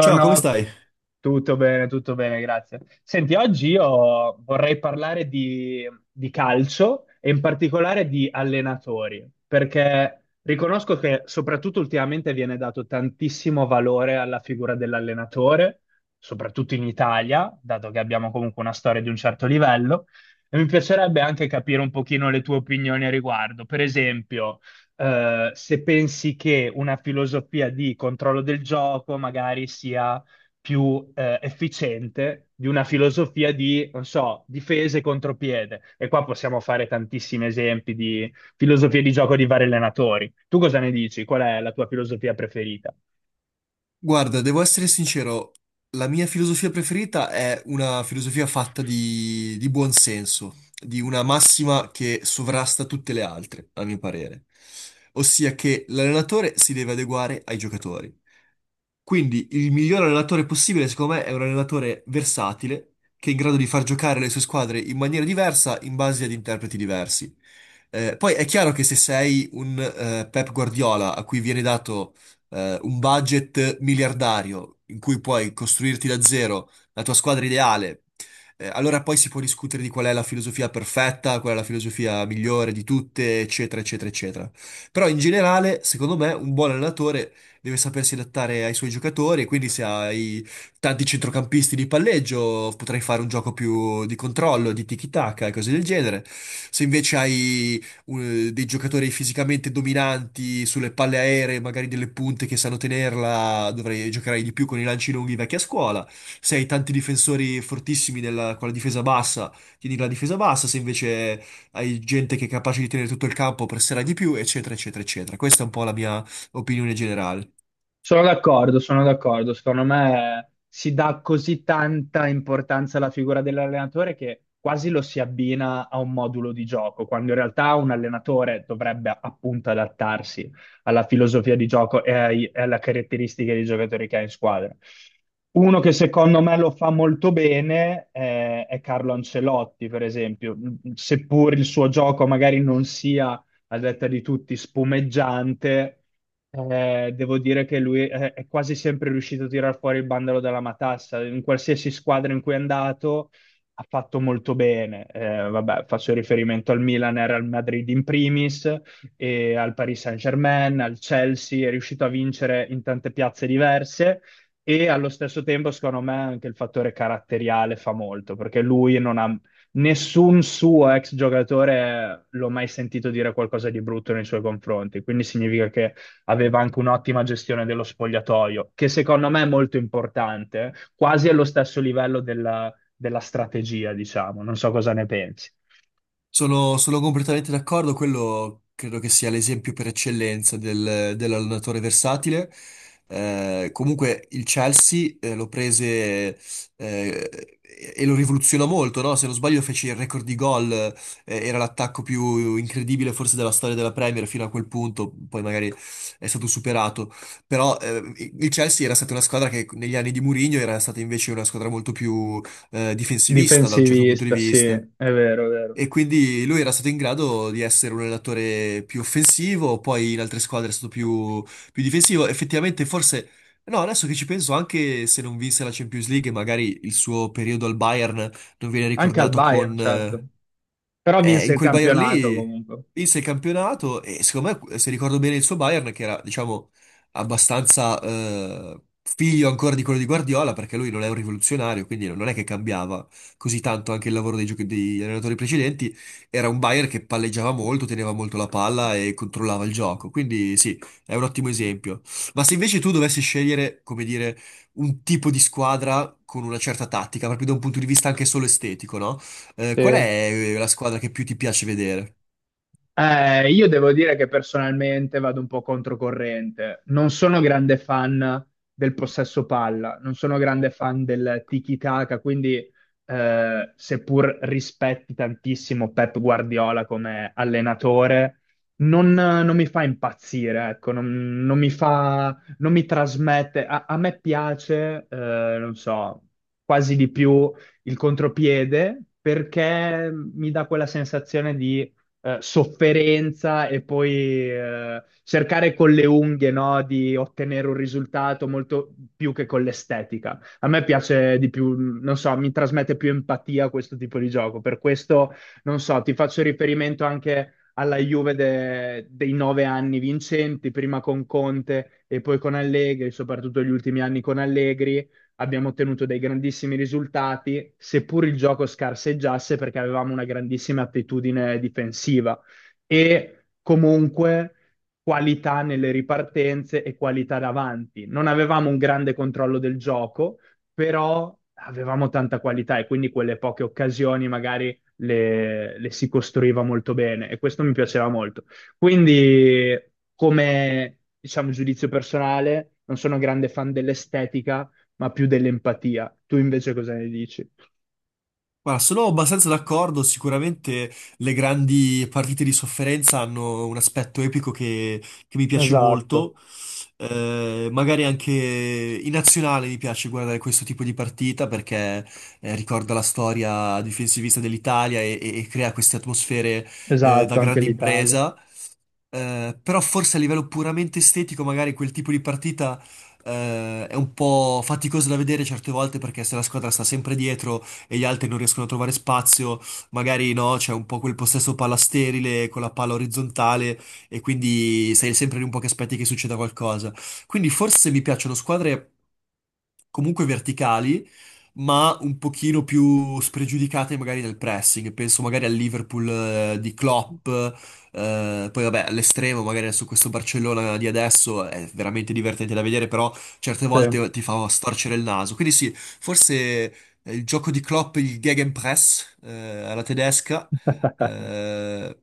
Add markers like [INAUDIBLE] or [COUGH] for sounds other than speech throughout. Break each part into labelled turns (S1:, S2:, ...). S1: Ciao, come stai?
S2: tutto bene, grazie. Senti, oggi io vorrei parlare di calcio e in particolare di allenatori, perché riconosco che soprattutto ultimamente viene dato tantissimo valore alla figura dell'allenatore, soprattutto in Italia, dato che abbiamo comunque una storia di un certo livello, e mi piacerebbe anche capire un pochino le tue opinioni a riguardo. Per esempio se pensi che una filosofia di controllo del gioco magari sia più efficiente di una filosofia di, non so, difesa e contropiede. E qua possiamo fare tantissimi esempi di filosofie di gioco di vari allenatori. Tu cosa ne dici? Qual è la tua filosofia preferita?
S1: Guarda, devo essere sincero, la mia filosofia preferita è una filosofia fatta di buon senso, di una massima che sovrasta tutte le altre, a mio parere. Ossia che l'allenatore si deve adeguare ai giocatori. Quindi il miglior allenatore possibile, secondo me, è un allenatore versatile, che è in grado di far giocare le sue squadre in maniera diversa in base ad interpreti diversi. Poi è chiaro che se sei un Pep Guardiola a cui viene dato un budget miliardario in cui puoi costruirti da zero la tua squadra ideale, allora poi si può discutere di qual è la filosofia perfetta, qual è la filosofia migliore di tutte, eccetera, eccetera, eccetera. Però in generale, secondo me, un buon allenatore deve sapersi adattare ai suoi giocatori, e quindi se hai tanti centrocampisti di palleggio, potrai fare un gioco più di controllo, di tiki-taka e cose del genere. Se invece hai dei giocatori fisicamente dominanti sulle palle aeree, magari delle punte che sanno tenerla, dovrei giocare di più con i lanci lunghi vecchia scuola. Se hai tanti difensori fortissimi con la difesa bassa, tieni la difesa bassa, se invece hai gente che è capace di tenere tutto il campo, presserà di più, eccetera, eccetera, eccetera. Questa è un po' la mia opinione generale.
S2: Sono d'accordo, sono d'accordo. Secondo me si dà così tanta importanza alla figura dell'allenatore che quasi lo si abbina a un modulo di gioco, quando in realtà un allenatore dovrebbe appunto adattarsi alla filosofia di gioco e e alle caratteristiche dei giocatori che ha in squadra. Uno che secondo me lo fa molto bene è Carlo Ancelotti, per esempio, seppur il suo gioco magari non sia, a detta di tutti, spumeggiante devo dire che lui è quasi sempre riuscito a tirar fuori il bandolo dalla matassa. In qualsiasi squadra in cui è andato ha fatto molto bene. Vabbè, faccio riferimento al Milan e al Real Madrid in primis, e al Paris Saint-Germain, al Chelsea, è riuscito a vincere in tante piazze diverse. E allo stesso tempo, secondo me, anche il fattore caratteriale fa molto, perché lui non ha nessun suo ex giocatore l'ho mai sentito dire qualcosa di brutto nei suoi confronti, quindi significa che aveva anche un'ottima gestione dello spogliatoio, che secondo me è molto importante, quasi allo stesso livello della, della strategia, diciamo. Non so cosa ne pensi.
S1: Sono completamente d'accordo, quello credo che sia l'esempio per eccellenza dell'allenatore versatile. Comunque il Chelsea lo prese eh, e lo rivoluzionò molto, no? Se non sbaglio fece il record di gol, era l'attacco più incredibile forse della storia della Premier fino a quel punto, poi magari è stato superato. Però il Chelsea era stata una squadra che negli anni di Mourinho era stata invece una squadra molto più difensivista da un certo punto di
S2: Difensivista, sì,
S1: vista.
S2: è vero, è vero.
S1: E quindi lui era stato in grado di essere un allenatore più offensivo, poi in altre squadre è stato più difensivo. Effettivamente, forse, no, adesso che ci penso, anche se non vinse la Champions League, magari il suo periodo al Bayern non viene
S2: Anche al
S1: ricordato
S2: Bayern,
S1: con,
S2: certo. Però vinse
S1: in
S2: il
S1: quel Bayern
S2: campionato
S1: lì
S2: comunque.
S1: vinse il campionato e secondo me, se ricordo bene il suo Bayern, che era, diciamo, abbastanza figlio ancora di quello di Guardiola, perché lui non è un rivoluzionario, quindi non è che cambiava così tanto anche il lavoro degli allenatori precedenti, era un Bayern che palleggiava molto, teneva molto la palla e controllava il gioco. Quindi sì, è un ottimo esempio. Ma se invece tu dovessi scegliere, come dire, un tipo di squadra con una certa tattica, proprio da un punto di vista anche solo estetico, no?
S2: Sì.
S1: Qual è la squadra che più ti piace vedere?
S2: Io devo dire che personalmente vado un po' controcorrente. Non sono grande fan del possesso palla, non sono grande fan del tiki-taka, quindi seppur rispetti tantissimo Pep Guardiola come allenatore, non mi fa impazzire, ecco, non, non mi fa, non mi trasmette. A, a me piace, non so, quasi di più il contropiede perché mi dà quella sensazione di sofferenza e poi cercare con le unghie, no, di ottenere un risultato molto più che con l'estetica. A me piace di più, non so, mi trasmette più empatia questo tipo di gioco. Per questo, non so, ti faccio riferimento anche alla Juve dei nove anni vincenti, prima con Conte e poi con Allegri, soprattutto gli ultimi anni con Allegri abbiamo ottenuto dei grandissimi risultati, seppur il gioco scarseggiasse perché avevamo una grandissima attitudine difensiva e comunque qualità nelle ripartenze e qualità davanti. Non avevamo un grande controllo del gioco, però avevamo tanta qualità e quindi quelle poche occasioni magari le si costruiva molto bene e questo mi piaceva molto. Quindi, come diciamo giudizio personale, non sono grande fan dell'estetica, ma più dell'empatia. Tu invece cosa ne dici?
S1: Guarda, sono abbastanza d'accordo, sicuramente le grandi partite di sofferenza hanno un aspetto epico che mi piace
S2: Esatto,
S1: molto. Magari anche in nazionale mi piace guardare questo tipo di partita perché ricorda la storia difensivista dell'Italia e crea queste atmosfere da
S2: esatto, anche
S1: grande
S2: l'Italia.
S1: impresa. Però forse a livello puramente estetico, magari quel tipo di partita è un po' faticoso da vedere certe volte perché se la squadra sta sempre dietro e gli altri non riescono a trovare spazio, magari no, c'è un po' quel possesso palla sterile con la palla orizzontale e quindi sei sempre lì un po' che aspetti che succeda qualcosa. Quindi forse mi piacciono squadre comunque verticali, ma un pochino più spregiudicate magari nel pressing. Penso magari al Liverpool di Klopp, poi vabbè, all'estremo, magari su questo Barcellona di adesso è veramente divertente da vedere, però certe
S2: Sì.
S1: volte ti fa storcere il naso. Quindi sì, forse il gioco di Klopp, il Gegenpress, alla tedesca,
S2: [LAUGHS]
S1: eh,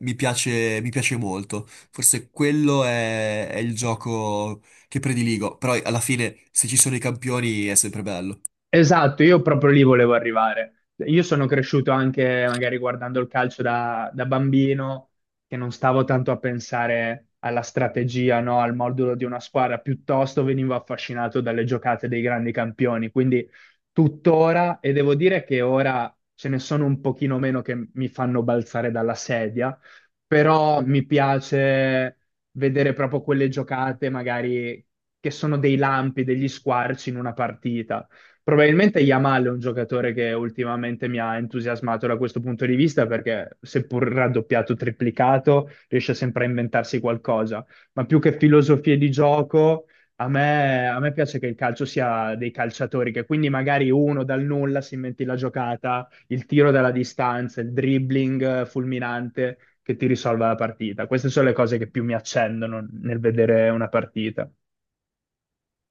S1: mi piace molto. Forse quello è il gioco che prediligo, però alla fine se ci sono i campioni è sempre bello.
S2: Esatto, io proprio lì volevo arrivare. Io sono cresciuto anche magari guardando il calcio da bambino, che non stavo tanto a pensare alla strategia, no? Al modulo di una squadra, piuttosto venivo affascinato dalle giocate dei grandi campioni. Quindi tuttora, e devo dire che ora ce ne sono un pochino meno che mi fanno balzare dalla sedia, però mi piace vedere proprio quelle giocate magari che sono dei lampi, degli squarci in una partita. Probabilmente Yamal è un giocatore che ultimamente mi ha entusiasmato da questo punto di vista perché seppur raddoppiato, o triplicato, riesce sempre a inventarsi qualcosa. Ma più che filosofie di gioco, a me piace che il calcio sia dei calciatori, che quindi magari uno dal nulla si inventi la giocata, il tiro dalla distanza, il dribbling fulminante che ti risolva la partita. Queste sono le cose che più mi accendono nel vedere una partita.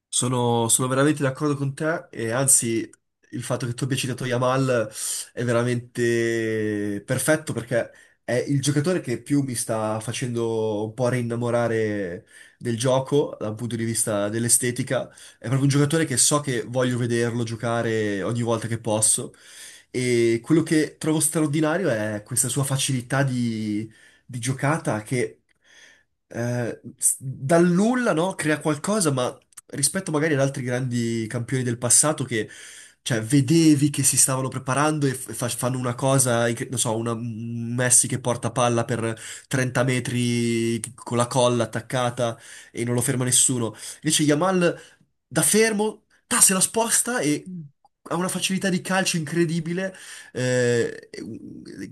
S1: Sono veramente d'accordo con te e anzi il fatto che tu abbia citato Yamal è veramente perfetto perché è il giocatore che più mi sta facendo un po' rinnamorare del gioco dal punto di vista dell'estetica. È proprio un giocatore che so che voglio vederlo giocare ogni volta che posso e quello che trovo straordinario è questa sua facilità di giocata che dal nulla, no? Crea qualcosa, ma rispetto magari ad altri grandi campioni del passato che, cioè, vedevi che si stavano preparando e fanno una cosa, non so, un Messi che porta palla per 30 metri con la colla attaccata e non lo ferma nessuno. Invece Yamal da fermo, ta, se la sposta e ha una facilità di calcio incredibile, eh,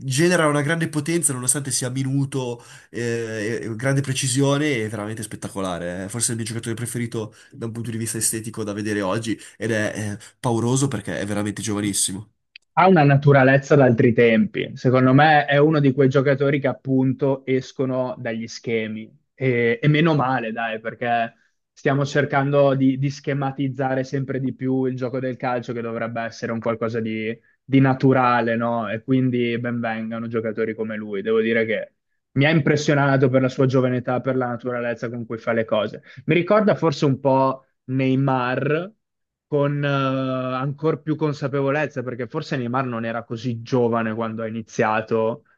S1: genera una grande potenza nonostante sia minuto, grande precisione e veramente spettacolare. È forse il mio giocatore preferito da un punto di vista estetico da vedere oggi ed è, pauroso perché è veramente giovanissimo.
S2: Ha una naturalezza d'altri tempi. Secondo me è uno di quei giocatori che appunto escono dagli schemi. E meno male, dai, perché stiamo cercando di schematizzare sempre di più il gioco del calcio, che dovrebbe essere un qualcosa di naturale, no? E quindi benvengano giocatori come lui. Devo dire che mi ha impressionato per la sua giovane età, per la naturalezza con cui fa le cose. Mi ricorda forse un po' Neymar con ancora più consapevolezza, perché forse Neymar non era così giovane quando ha iniziato a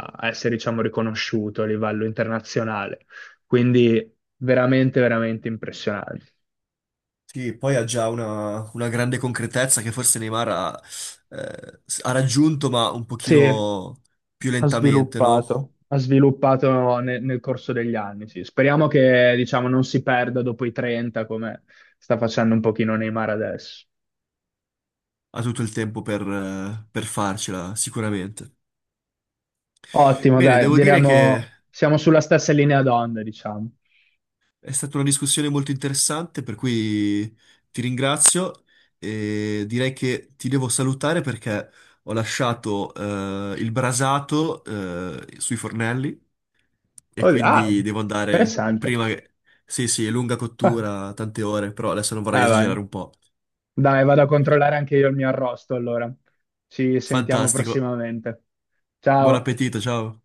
S2: essere, diciamo, riconosciuto a livello internazionale. Quindi veramente, veramente impressionante.
S1: Sì, poi ha già una grande concretezza che forse Neymar ha, ha raggiunto, ma un
S2: Sì,
S1: pochino più
S2: ha
S1: lentamente, no?
S2: sviluppato. Ha sviluppato nel corso degli anni, sì. Speriamo che, diciamo, non si perda dopo i 30, come sta facendo un pochino Neymar adesso.
S1: Ha tutto il tempo per farcela, sicuramente.
S2: Ottimo,
S1: Bene,
S2: dai,
S1: devo dire che
S2: diremo, siamo sulla stessa linea d'onda, diciamo.
S1: è stata una discussione molto interessante, per cui ti ringrazio e direi che ti devo salutare perché ho lasciato il brasato sui fornelli e
S2: Oh, ah,
S1: quindi devo andare
S2: interessante.
S1: prima che... Sì, sì, è lunga
S2: Ah,
S1: cottura, tante ore, però adesso non vorrei
S2: ah,
S1: esagerare
S2: vai.
S1: un po'.
S2: Dai, vado a controllare anche io il mio arrosto allora. Ci sentiamo
S1: Fantastico.
S2: prossimamente.
S1: Buon
S2: Ciao.
S1: appetito, ciao.